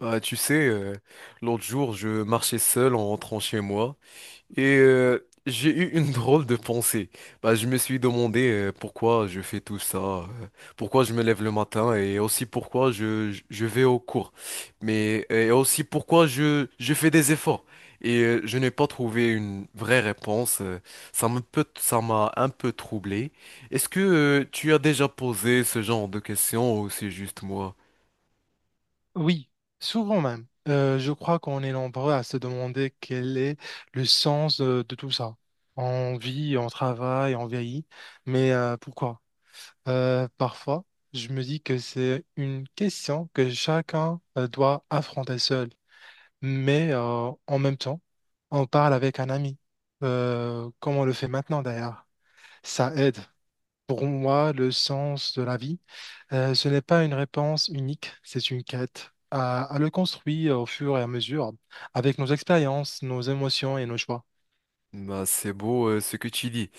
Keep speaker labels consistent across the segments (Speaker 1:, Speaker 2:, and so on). Speaker 1: Bah, tu sais, euh, L'autre jour, je marchais seul en rentrant chez moi et j'ai eu une drôle de pensée. Je me suis demandé pourquoi je fais tout ça, pourquoi je me lève le matin, et aussi pourquoi je vais au cours. Mais et aussi pourquoi je fais des efforts. Et je n'ai pas trouvé une vraie réponse. Ça ça m'a un peu troublé. Est-ce que tu as déjà posé ce genre de questions, ou c'est juste moi?
Speaker 2: Oui, souvent même. Je crois qu'on est nombreux à se demander quel est le sens de, tout ça. On vit, on travaille, on vieillit, mais pourquoi? Parfois, je me dis que c'est une question que chacun doit affronter seul, mais en même temps, on parle avec un ami, comme on le fait maintenant d'ailleurs. Ça aide. Pour moi, le sens de la vie. Ce n'est pas une réponse unique, c'est une quête à le construire au fur et à mesure, avec nos expériences, nos émotions et nos choix.
Speaker 1: C'est beau ce que tu dis.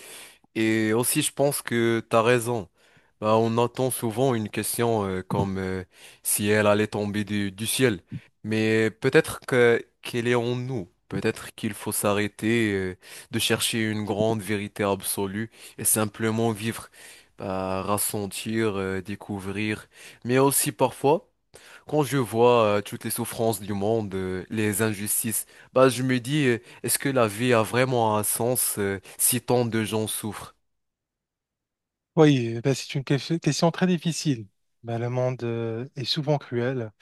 Speaker 1: Et aussi, je pense que t'as raison. On attend souvent une question comme si elle allait tomber du ciel. Mais peut-être que qu'elle est en nous. Peut-être qu'il faut s'arrêter de chercher une grande vérité absolue et simplement vivre, bah, ressentir, découvrir. Mais aussi parfois, quand je vois toutes les souffrances du monde, les injustices, bah, je me dis, est-ce que la vie a vraiment un sens si tant de gens souffrent?
Speaker 2: Oui, ben, c'est une question très difficile. Ben, le monde est souvent cruel.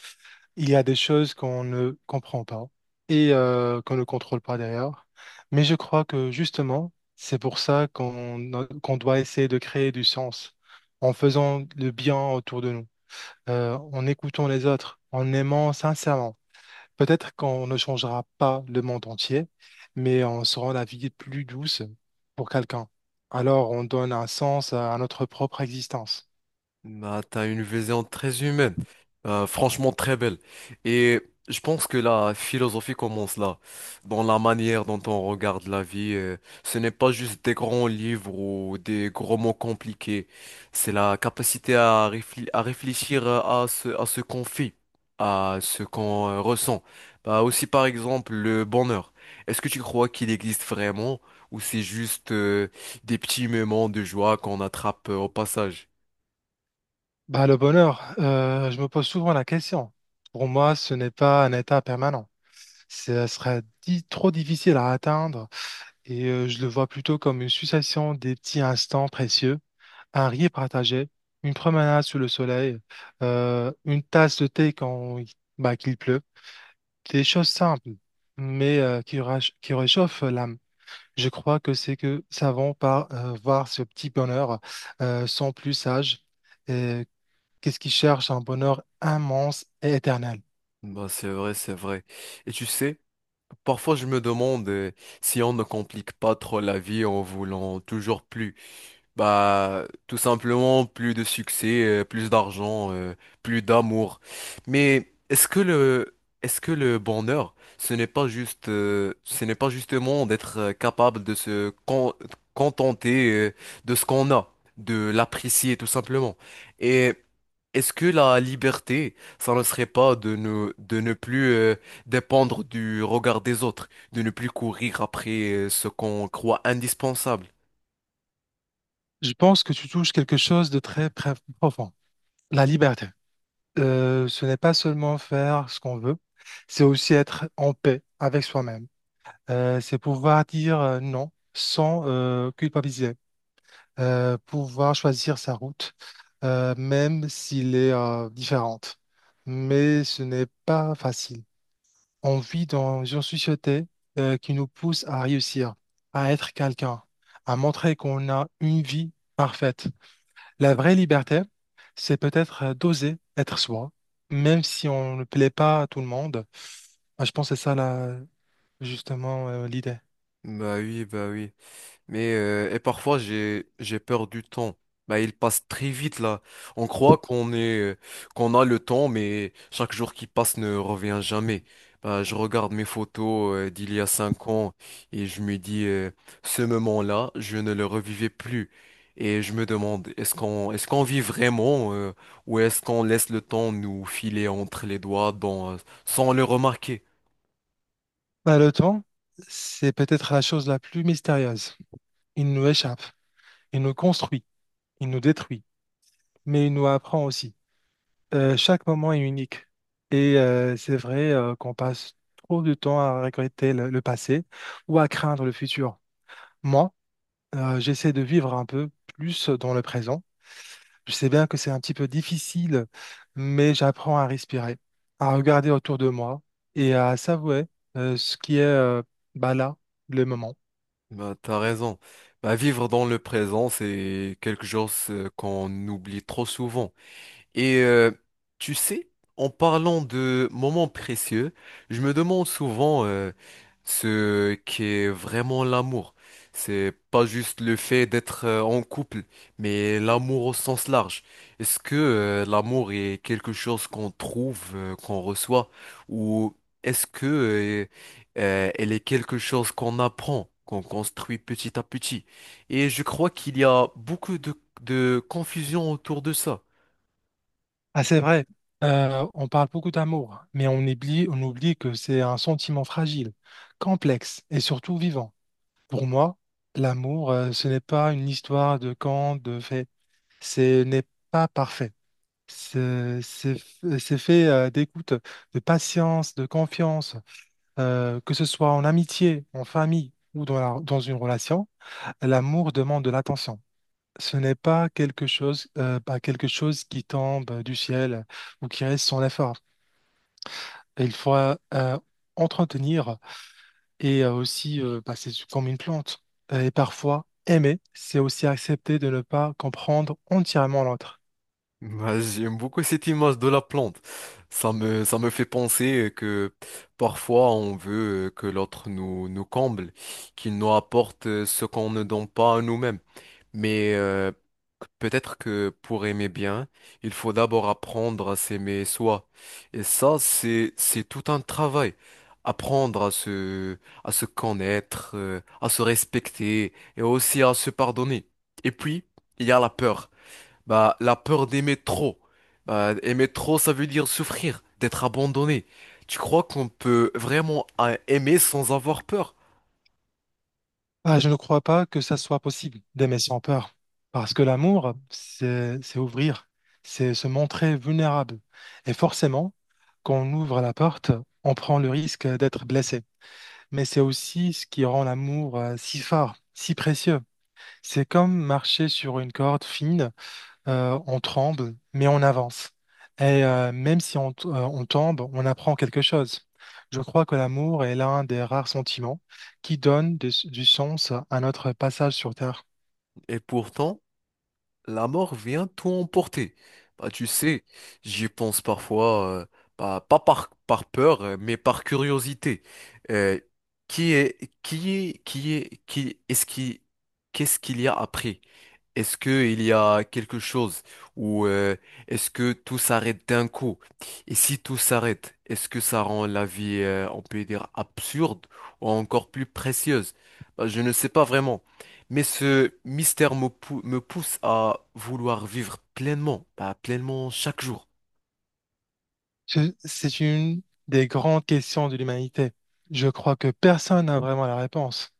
Speaker 2: Il y a des choses qu'on ne comprend pas et qu'on ne contrôle pas derrière. Mais je crois que justement, c'est pour ça qu'on doit essayer de créer du sens en faisant le bien autour de nous, en écoutant les autres, en aimant sincèrement. Peut-être qu'on ne changera pas le monde entier, mais on se rend la vie plus douce pour quelqu'un. Alors on donne un sens à notre propre existence.
Speaker 1: Bah, t'as une vision très humaine, franchement très belle. Et je pense que la philosophie commence là, dans la manière dont on regarde la vie. Ce n'est pas juste des grands livres ou des gros mots compliqués. C'est la capacité à réfléchir, à ce qu'on fait, à ce qu'on ressent. Bah, aussi par exemple le bonheur. Est-ce que tu crois qu'il existe vraiment, ou c'est juste des petits moments de joie qu'on attrape au passage?
Speaker 2: Bah, le bonheur, je me pose souvent la question. Pour moi, ce n'est pas un état permanent. Ce serait trop difficile à atteindre et je le vois plutôt comme une succession des petits instants précieux, un rire partagé, une promenade sous le soleil, une tasse de thé quand il bah, qu'il pleut, des choses simples, mais qui, qui réchauffent l'âme. Je crois que c'est que savons par voir ce petit bonheur sont plus sages. Et qu'est-ce qui cherche un bonheur immense et éternel?
Speaker 1: Bah, c'est vrai, c'est vrai. Et tu sais, parfois je me demande si on ne complique pas trop la vie en voulant toujours plus. Bah, tout simplement, plus de succès, plus d'argent, plus d'amour. Mais est-ce que le bonheur, ce n'est pas justement d'être capable de contenter, de ce qu'on a, de l'apprécier tout simplement. Et est-ce que la liberté, ça ne serait pas de ne, de ne plus dépendre du regard des autres, de ne plus courir après ce qu'on croit indispensable?
Speaker 2: Je pense que tu touches quelque chose de très, très profond, la liberté. Ce n'est pas seulement faire ce qu'on veut, c'est aussi être en paix avec soi-même. C'est pouvoir dire non sans culpabiliser, pouvoir choisir sa route, même s'il est différente. Mais ce n'est pas facile. On vit dans une société qui nous pousse à réussir, à être quelqu'un, à montrer qu'on a une vie parfaite. La vraie liberté, c'est peut-être d'oser être soi, même si on ne plaît pas à tout le monde. Moi, je pense que c'est ça, là, justement, l'idée.
Speaker 1: Bah oui, bah oui. Mais parfois j'ai peur du temps. Bah, il passe très vite là. On croit qu'on a le temps, mais chaque jour qui passe ne revient jamais. Bah, je regarde mes photos d'il y a 5 ans et je me dis, ce moment-là, je ne le revivais plus. Et je me demande, est-ce qu'on vit vraiment, ou est-ce qu'on laisse le temps nous filer entre les doigts sans le remarquer?
Speaker 2: Bah, le temps, c'est peut-être la chose la plus mystérieuse. Il nous échappe, il nous construit, il nous détruit, mais il nous apprend aussi. Chaque moment est unique. Et c'est vrai qu'on passe trop de temps à regretter le passé ou à craindre le futur. Moi, j'essaie de vivre un peu plus dans le présent. Je sais bien que c'est un petit peu difficile, mais j'apprends à respirer, à regarder autour de moi et à savourer ce qui est bah, là, le moment.
Speaker 1: Bah, t'as raison. Bah, vivre dans le présent, c'est quelque chose qu'on oublie trop souvent. Et tu sais, en parlant de moments précieux, je me demande souvent ce qu'est vraiment l'amour. C'est pas juste le fait d'être en couple, mais l'amour au sens large. Est-ce que l'amour est quelque chose qu'on trouve, qu'on reçoit, ou est-ce que elle est quelque chose qu'on apprend, qu'on construit petit à petit? Et je crois qu'il y a beaucoup de confusion autour de ça.
Speaker 2: Ah, c'est vrai. On parle beaucoup d'amour, mais on oublie que c'est un sentiment fragile, complexe et surtout vivant. Pour moi, l'amour, ce n'est pas une histoire de quand, de fait. Ce n'est pas parfait. C'est fait d'écoute, de patience, de confiance, que ce soit en amitié, en famille ou dans dans une relation. L'amour demande de l'attention. Ce n'est pas pas quelque chose qui tombe du ciel ou qui reste sans effort. Il faudra entretenir et aussi passer comme une plante. Et parfois, aimer, c'est aussi accepter de ne pas comprendre entièrement l'autre.
Speaker 1: Ouais, j'aime beaucoup cette image de la plante. Ça me fait penser que parfois on veut que l'autre nous comble, qu'il nous apporte ce qu'on ne donne pas à nous-mêmes. Mais peut-être que pour aimer bien, il faut d'abord apprendre à s'aimer soi. Et ça, c'est tout un travail. Apprendre à se connaître, à se respecter, et aussi à se pardonner. Et puis, il y a la peur. Bah, la peur d'aimer trop. Bah, aimer trop, ça veut dire souffrir, d'être abandonné. Tu crois qu'on peut vraiment aimer sans avoir peur?
Speaker 2: Ah, je ne crois pas que ça soit possible d'aimer sans peur, parce que l'amour, c'est ouvrir, c'est se montrer vulnérable. Et forcément, quand on ouvre la porte, on prend le risque d'être blessé. Mais c'est aussi ce qui rend l'amour si fort, si précieux. C'est comme marcher sur une corde fine, on tremble, mais on avance. Et même si on tombe, on apprend quelque chose. Je crois que l'amour est l'un des rares sentiments qui donne du sens à notre passage sur Terre.
Speaker 1: Et pourtant, la mort vient tout emporter. Bah, tu sais, j'y pense parfois, bah, pas par peur, mais par curiosité. Euh, qui est, qui est, qui est, qui est, ce qui, Qu'est-ce qu'il y a après? Est-ce que il y a quelque chose, ou est-ce que tout s'arrête d'un coup? Et si tout s'arrête, est-ce que ça rend la vie, on peut dire, absurde, ou encore plus précieuse? Bah, je ne sais pas vraiment. Mais ce mystère me pousse à vouloir vivre pleinement, bah, pleinement chaque jour.
Speaker 2: C'est une des grandes questions de l'humanité. Je crois que personne n'a vraiment la réponse.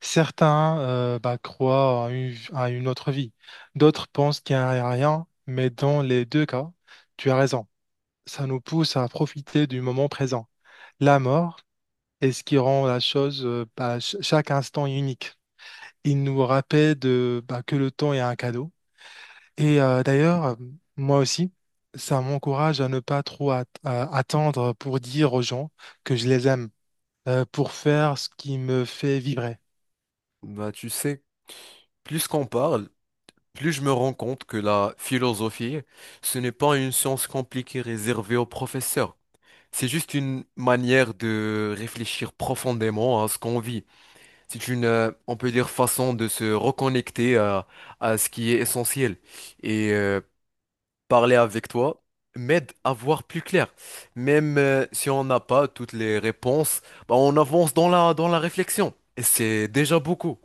Speaker 2: Certains bah, croient à une autre vie, d'autres pensent qu'il n'y a rien, mais dans les deux cas, tu as raison. Ça nous pousse à profiter du moment présent. La mort est ce qui rend la chose, bah, chaque instant unique. Il nous rappelle bah, que le temps est un cadeau. Et d'ailleurs, moi aussi, ça m'encourage à ne pas attendre pour dire aux gens que je les aime, pour faire ce qui me fait vibrer.
Speaker 1: Bah, tu sais, plus qu'on parle, plus je me rends compte que la philosophie, ce n'est pas une science compliquée réservée aux professeurs. C'est juste une manière de réfléchir profondément à ce qu'on vit. C'est une, on peut dire, façon de se reconnecter à ce qui est essentiel. Et parler avec toi m'aide à voir plus clair. Même si on n'a pas toutes les réponses, bah, on avance dans dans la réflexion. Et c'est déjà beaucoup.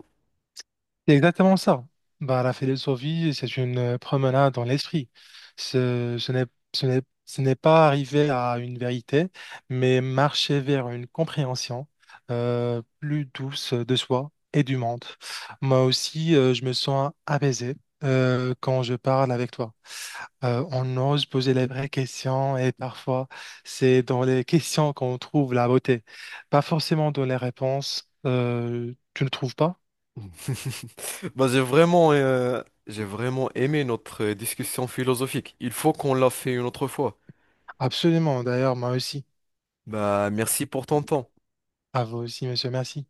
Speaker 2: C'est exactement ça. Bah, la philosophie, c'est une promenade dans l'esprit. Ce, ce n'est, ce n'est pas arriver à une vérité, mais marcher vers une compréhension plus douce de soi et du monde. Moi aussi, je me sens apaisé quand je parle avec toi. On ose poser les vraies questions et parfois, c'est dans les questions qu'on trouve la beauté, pas forcément dans les réponses. Tu ne trouves pas?
Speaker 1: Bah, j'ai vraiment aimé notre discussion philosophique. Il faut qu'on la fait une autre fois.
Speaker 2: Absolument, d'ailleurs, moi aussi.
Speaker 1: Bah, merci pour ton temps.
Speaker 2: À vous aussi, monsieur, merci.